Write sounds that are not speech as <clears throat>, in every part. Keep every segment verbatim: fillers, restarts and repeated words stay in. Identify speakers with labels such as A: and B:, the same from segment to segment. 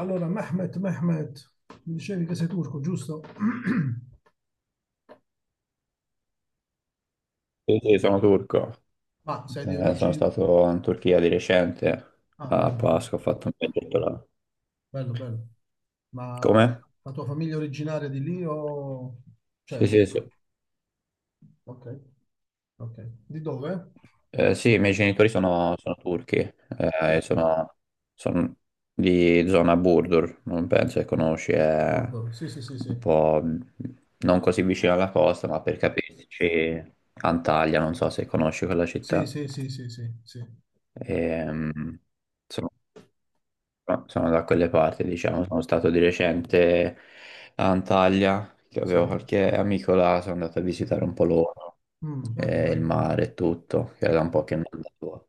A: Allora, Mehmet, Mehmet, mi dicevi che sei turco, giusto? <clears throat>
B: Sì, sì, sono turco.
A: Ma sei di
B: Eh, sono
A: origine...
B: stato in Turchia di recente,
A: Ah,
B: a
A: bello, bello,
B: Pasqua, ho fatto un viaggetto là.
A: bello, bello. Ma
B: Come?
A: la tua famiglia è originaria di lì o... Cioè,
B: Sì, sì, sì.
A: ok, ok. Di dove?
B: Eh, sì, i miei genitori sono, sono turchi, eh, e sono, sono di zona Burdur, non penso che conosci, è
A: Burdur, sì, sì, sì,
B: un
A: sì.
B: po' non così vicino alla costa, ma per capirci, Antalya, non so se conosci quella
A: Sì,
B: città.
A: sì, sì, sì, sì, sì,
B: Ehm, insomma, no, sono da quelle parti, diciamo, sono stato di recente a Antalya, che avevo
A: sì.
B: qualche amico là, sono andato a visitare un po' loro,
A: Mm, bello,
B: e il
A: bello,
B: mare e tutto, che era da un po' che non andavo.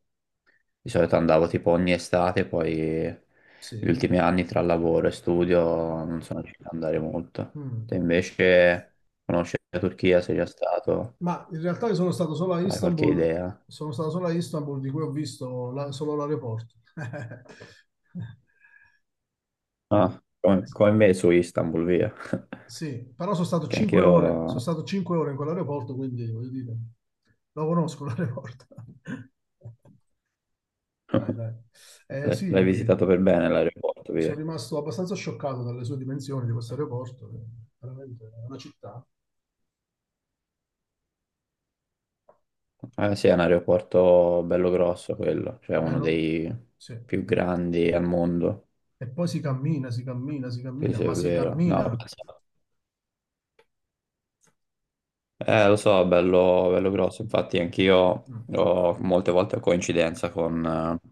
B: Di solito andavo tipo ogni estate, poi gli
A: sì.
B: ultimi anni tra lavoro e studio non sono riuscito ad andare molto.
A: Mm.
B: Te invece conosci la Turchia, sei già stato,
A: Ma in realtà io sono stato solo a
B: hai qualche
A: Istanbul,
B: idea?
A: sono stato solo a Istanbul, di cui ho visto la- solo l'aeroporto. <laughs>
B: Ah, come, come me su Istanbul, via,
A: Sì, però sono
B: <laughs>
A: stato
B: che anche
A: cinque ore, sono
B: io.
A: stato cinque ore in quell'aeroporto, quindi voglio dire, lo conosco l'aeroporto. <laughs> Dai,
B: <laughs>
A: dai. Eh,
B: L'hai
A: sì,
B: l'hai visitato per bene l'aeroporto,
A: sono
B: via.
A: rimasto abbastanza scioccato dalle sue dimensioni di questo aeroporto, eh, veramente è una città.
B: Eh sì, è un aeroporto bello grosso quello, cioè
A: Eh,
B: uno
A: no?
B: dei
A: Sì.
B: più grandi al mondo.
A: E poi si cammina, si cammina, si
B: Sì,
A: cammina,
B: sì, è
A: ma si
B: vero. No,
A: cammina.
B: penso- eh, lo so, bello, bello grosso. Infatti, anch'io
A: Mm.
B: ho molte volte a coincidenza con, eh,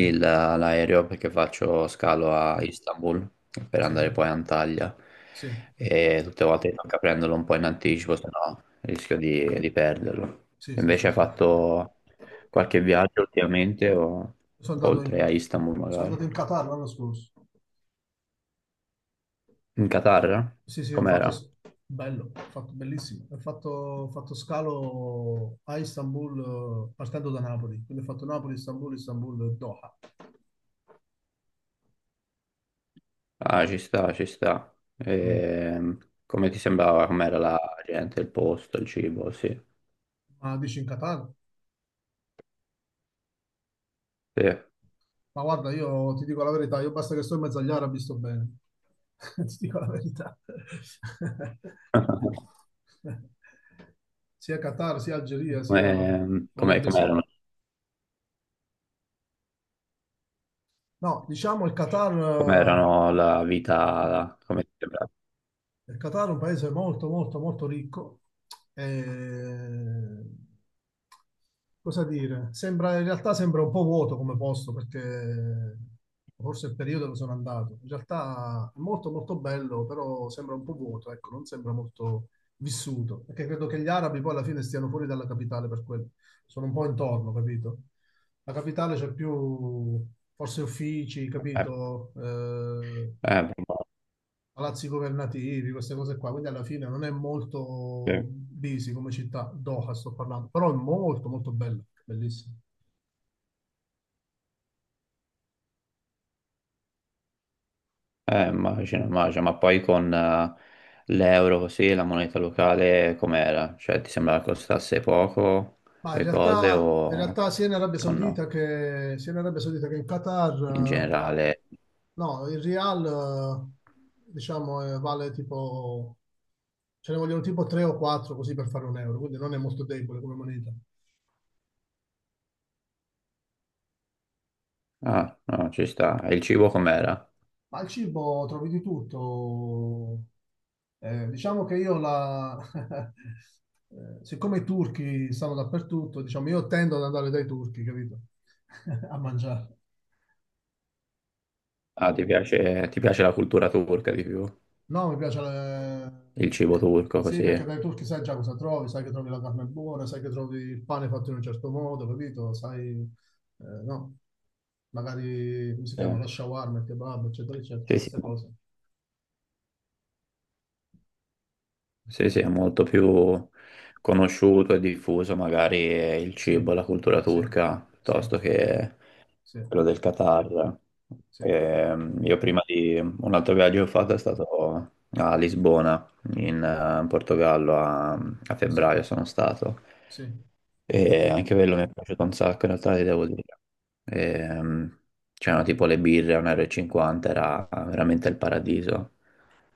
B: il- l'aereo perché faccio scalo a Istanbul per
A: Sì, sì,
B: andare poi a Antalya
A: sì,
B: e tutte le volte mi tocca prenderlo un po' in anticipo, se no rischio di, di perderlo.
A: sì, sì, sì,
B: Invece hai
A: sì.
B: fatto qualche viaggio ultimamente o
A: Sono andato in,
B: oltre a Istanbul
A: Sono andato
B: magari?
A: in Qatar l'anno scorso.
B: In Qatar?
A: Sì, sì, ho fatto
B: Com'era?
A: s- bello, ho fatto bellissimo. Ho fatto, ho fatto scalo a Istanbul eh, partendo da Napoli, quindi ho fatto Napoli, Istanbul, Istanbul, Doha.
B: Ah, ci sta, ci sta.
A: Mm.
B: Ehm, come ti sembrava? Com'era la gente, il posto, il cibo? Sì.
A: Ma dici in Qatar?
B: Sì.
A: Ma guarda, io ti dico la verità, io basta che sto in mezzo agli arabi sto bene. <laughs> Ti dico la verità. <laughs>
B: <laughs>
A: Sia Qatar, sia Algeria, sia
B: Come, com'è-
A: Arabia Saudita.
B: com'erano?
A: No, diciamo il Qatar
B: Com'erano la vita, come ti sembra?
A: Il Qatar è un paese molto, molto, molto ricco. E... Cosa dire? Sembra, in realtà sembra un po' vuoto come posto perché forse è il periodo dove sono andato. In realtà è molto, molto bello, però sembra un po' vuoto, ecco, non sembra molto vissuto. Perché credo che gli arabi poi alla fine stiano fuori dalla capitale per quello. Sono un po' intorno, capito? La capitale c'è più forse uffici,
B: Eh,
A: capito? Eh,
B: eh,
A: palazzi governativi, queste cose qua, quindi alla fine non è molto
B: immagino,
A: busy come città, Doha sto parlando, però è molto molto bella, bellissima.
B: eh, immagino, immagino. Ma poi con eh, l'euro così, la moneta locale, com'era? Cioè, ti sembrava che costasse poco
A: Ma in
B: le cose
A: realtà, in
B: o,
A: realtà sia in Arabia
B: o
A: Saudita
B: no?
A: che, sia in Arabia Saudita che in
B: In
A: Qatar, eh,
B: generale,
A: no, il Real, eh, diciamo, eh, vale tipo, ce ne vogliono tipo tre o quattro così per fare un euro, quindi non è molto debole come moneta.
B: ah, no, ci sta. E il cibo com'era?
A: Ma al cibo trovi di tutto. Eh, diciamo che io la, <laughs> eh, siccome i turchi stanno dappertutto, diciamo, io tendo ad andare dai turchi, capito? <laughs> A mangiare.
B: Ah, ti piace, ti piace la cultura turca di più?
A: No, mi piace... le-
B: Il cibo turco
A: Sì,
B: così?
A: perché dai turchi sai già cosa trovi, sai che trovi la carne buona, sai che trovi il pane fatto in un certo modo, capito? Sai, eh, no, magari, come si chiama,
B: Sì,
A: la shawarma, il kebab, eccetera, eccetera, tutte
B: sì, sì.
A: queste cose.
B: Sì, sì, è molto più conosciuto e diffuso magari eh, il
A: Sì,
B: cibo, e la cultura
A: sì,
B: turca,
A: sì,
B: piuttosto che
A: sì,
B: quello del Qatar.
A: sì,
B: Ehm, io prima di un altro viaggio che ho fatto è stato a Lisbona, in eh, Portogallo, a, a
A: sì,
B: febbraio sono stato.
A: sì.
B: E anche quello mi è piaciuto un sacco, in realtà ti devo dire. Ehm, c'erano tipo le birre a un euro e cinquanta, e cinquanta, era veramente il paradiso.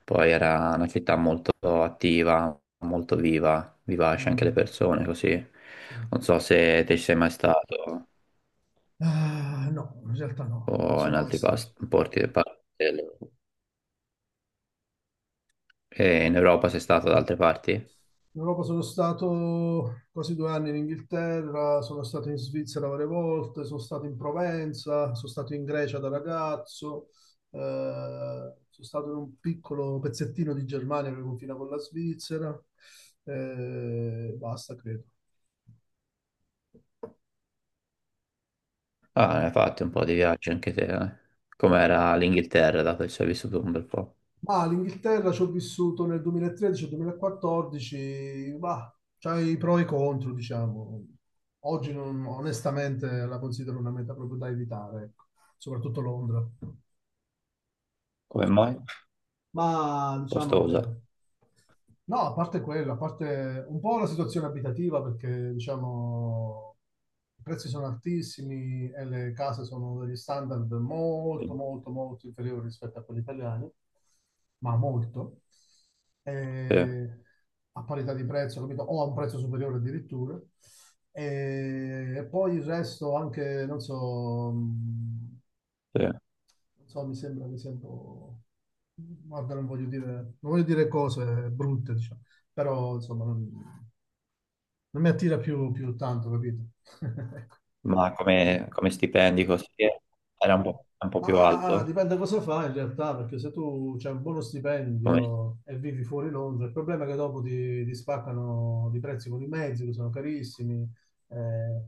B: Poi era una città molto attiva, molto viva, vivace anche
A: Mm,
B: le persone, così.
A: sì.
B: Non so se te ci sei mai stato
A: Ah, no, in realtà
B: o
A: no,
B: in
A: sono mai
B: altri pas-
A: stato.
B: porti. del pa- del- E in Europa sei stato da altre parti?
A: In Europa sono stato quasi due anni in Inghilterra, sono stato in Svizzera varie volte, sono stato in Provenza, sono stato in Grecia da ragazzo, eh, sono stato in un piccolo pezzettino di Germania che confina con la Svizzera, eh, basta credo.
B: Ah, ne hai fatto un po' di viaggi anche te, eh. Com'era l'Inghilterra, dato che ci hai vissuto un bel po'?
A: Ma l'Inghilterra ci ho vissuto nel duemilatredici-duemilaquattordici, ma c'ha i pro e i contro, diciamo. Oggi non- Onestamente la considero una meta proprio da evitare, ecco. Soprattutto Londra.
B: Come mai?
A: ma diciamo
B: Costosa.
A: che... No, a parte quello, a parte un po' la situazione abitativa perché diciamo i prezzi sono altissimi e le case sono degli standard
B: Sì,
A: molto, molto, molto inferiori rispetto a quelli italiani, ma molto, e a parità di prezzo, capito? O a un prezzo superiore addirittura. E, e poi il resto anche, non so, mh,
B: sì.
A: non so, mi sembra che sia un po'... Guarda, non voglio dire, non voglio dire cose brutte, diciamo, però insomma non, non mi attira più, più tanto, capito? <laughs> Ecco.
B: Ma come, come stipendi così era un po', un po' più
A: Ma
B: alto?
A: dipende cosa fai in realtà, perché se tu c'hai un buono
B: Come?
A: stipendio e vivi fuori Londra, il problema è che dopo ti, ti spaccano di prezzi con i mezzi, che sono carissimi, eh,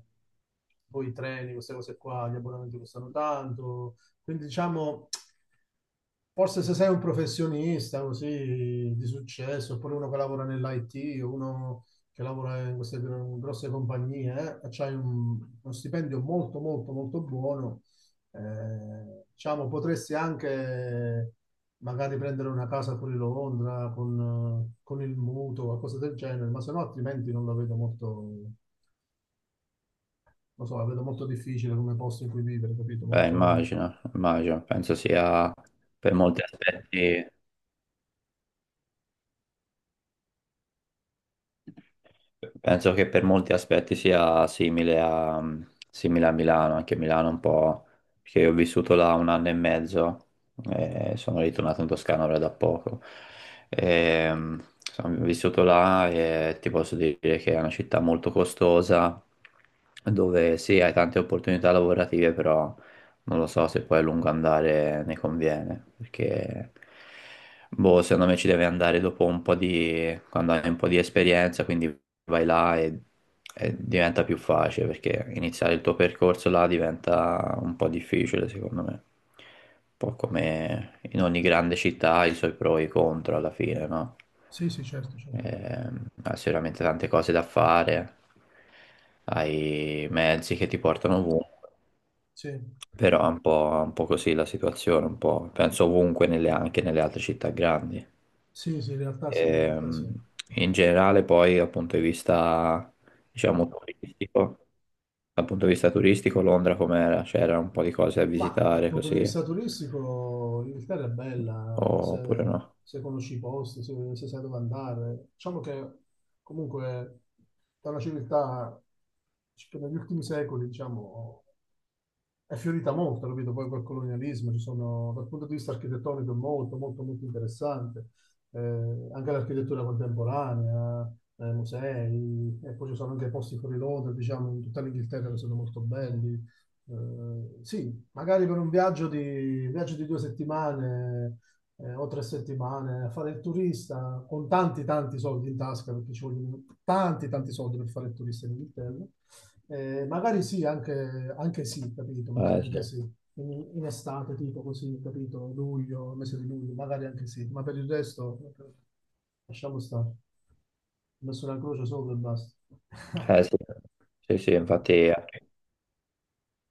A: poi i treni, queste cose qua, gli abbonamenti costano tanto, quindi diciamo forse se sei un professionista così di successo, oppure uno che lavora nell'I T, o uno che lavora in queste gr- grosse compagnie, eh, e c'hai un- uno stipendio molto, molto, molto buono, eh, diciamo, potresti anche magari prendere una casa fuori Londra con, eh, con il mutuo, qualcosa del genere, ma se no altrimenti non la vedo molto, non so, la vedo molto difficile come posto in cui vivere, capito?
B: Beh,
A: Molto...
B: immagino, immagino, penso sia per molti aspetti, penso che per molti aspetti sia simile a, simile a Milano, anche Milano un po', perché io ho vissuto là un anno e mezzo e sono ritornato in Toscana ora da poco. E, mm, sono vissuto là e ti posso dire che è una città molto costosa, dove sì, hai tante opportunità lavorative, però non lo so se poi a lungo andare ne conviene, perché boh, secondo me ci deve andare dopo un po' di, quando hai un po' di esperienza, quindi vai là e, e diventa più facile, perché iniziare il tuo percorso là diventa un po' difficile, secondo me. Un po' come in ogni grande città ha i suoi pro e i contro alla fine, no?
A: Sì, sì, certo, certo.
B: Ehm, hai sicuramente tante cose da fare, hai mezzi che ti portano ovunque.
A: Sì,
B: Però è un po', un po' così la situazione, un po', penso ovunque, nelle- anche nelle altre città grandi.
A: sì, sì, in realtà sì, in realtà sì.
B: Ehm, in generale poi dal punto di vista, diciamo, turistico, dal punto di vista turistico Londra com'era? C'era un po' di cose da
A: Ma dal
B: visitare
A: punto di
B: così,
A: vista turistico, l'Inghilterra è bella, se,
B: oppure no?
A: se conosci i posti, se, se sai dove andare. Diciamo che comunque è una civiltà che negli ultimi secoli, diciamo, è fiorita molto, capito? Poi col colonialismo, ci sono, dal punto di vista architettonico, è molto, molto, molto interessante. Eh, anche l'architettura contemporanea, eh, musei, e poi ci sono anche posti fuori Londra, diciamo, in tutta l'Inghilterra che sono molto belli. Eh, sì, magari per un viaggio di, viaggio di due settimane eh, o tre settimane a fare il turista con tanti, tanti soldi in tasca, perché ci vogliono tanti, tanti soldi per fare il turista in Inghilterra. Eh, magari sì, anche, anche sì, capito, magari
B: Eh sì,
A: anche sì. In, in estate, tipo così, capito, luglio, mese di luglio, magari anche sì, ma per il resto eh, lasciamo stare. Ho messo una croce sopra e basta. <laughs>
B: eh, sì. Sì, sì, infatti.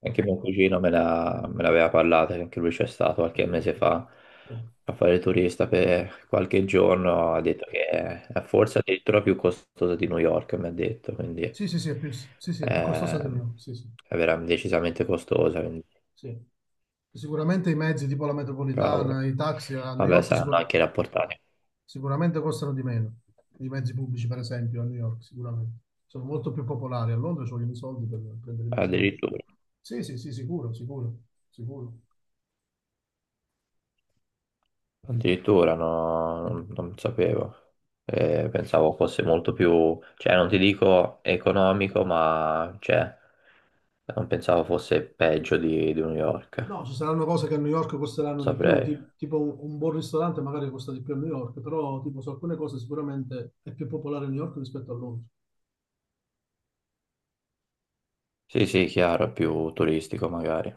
B: Anche mio cugino me la- me l'aveva parlata, che anche lui c'è stato qualche
A: Mm.
B: mese fa
A: Eh.
B: a fare il turista per qualche giorno, ha detto che è forse addirittura più costosa di New York, mi ha detto, quindi
A: Sì, sì, sì, è più, sì, sì, è più costoso di
B: ehm,
A: meno, sì, sì,
B: è veramente decisamente costosa, quindi
A: sì. Sicuramente i mezzi tipo la metropolitana,
B: cavolo.
A: i taxi a New
B: Vabbè,
A: York,
B: saranno
A: sicur-
B: anche rapportati,
A: sicuramente costano di meno. I mezzi pubblici, per esempio, a New York, sicuramente. Sono molto più popolari. A Londra ci vogliono i soldi per prendere i mezzi pubblici.
B: addirittura,
A: Sì, sì, sì, sicuro, sicuro, sicuro.
B: addirittura no, non, non sapevo. Eh, pensavo fosse molto più, cioè non ti dico economico, ma c'è. Non pensavo fosse peggio di, di New York, non
A: No, ci saranno cose che a New York costeranno di più,
B: saprei.
A: ti- tipo un, un buon ristorante magari costa di più a New York, però tipo su alcune cose sicuramente è più popolare a New York rispetto a Londra.
B: Sì, sì, chiaro, è più turistico magari. Eh.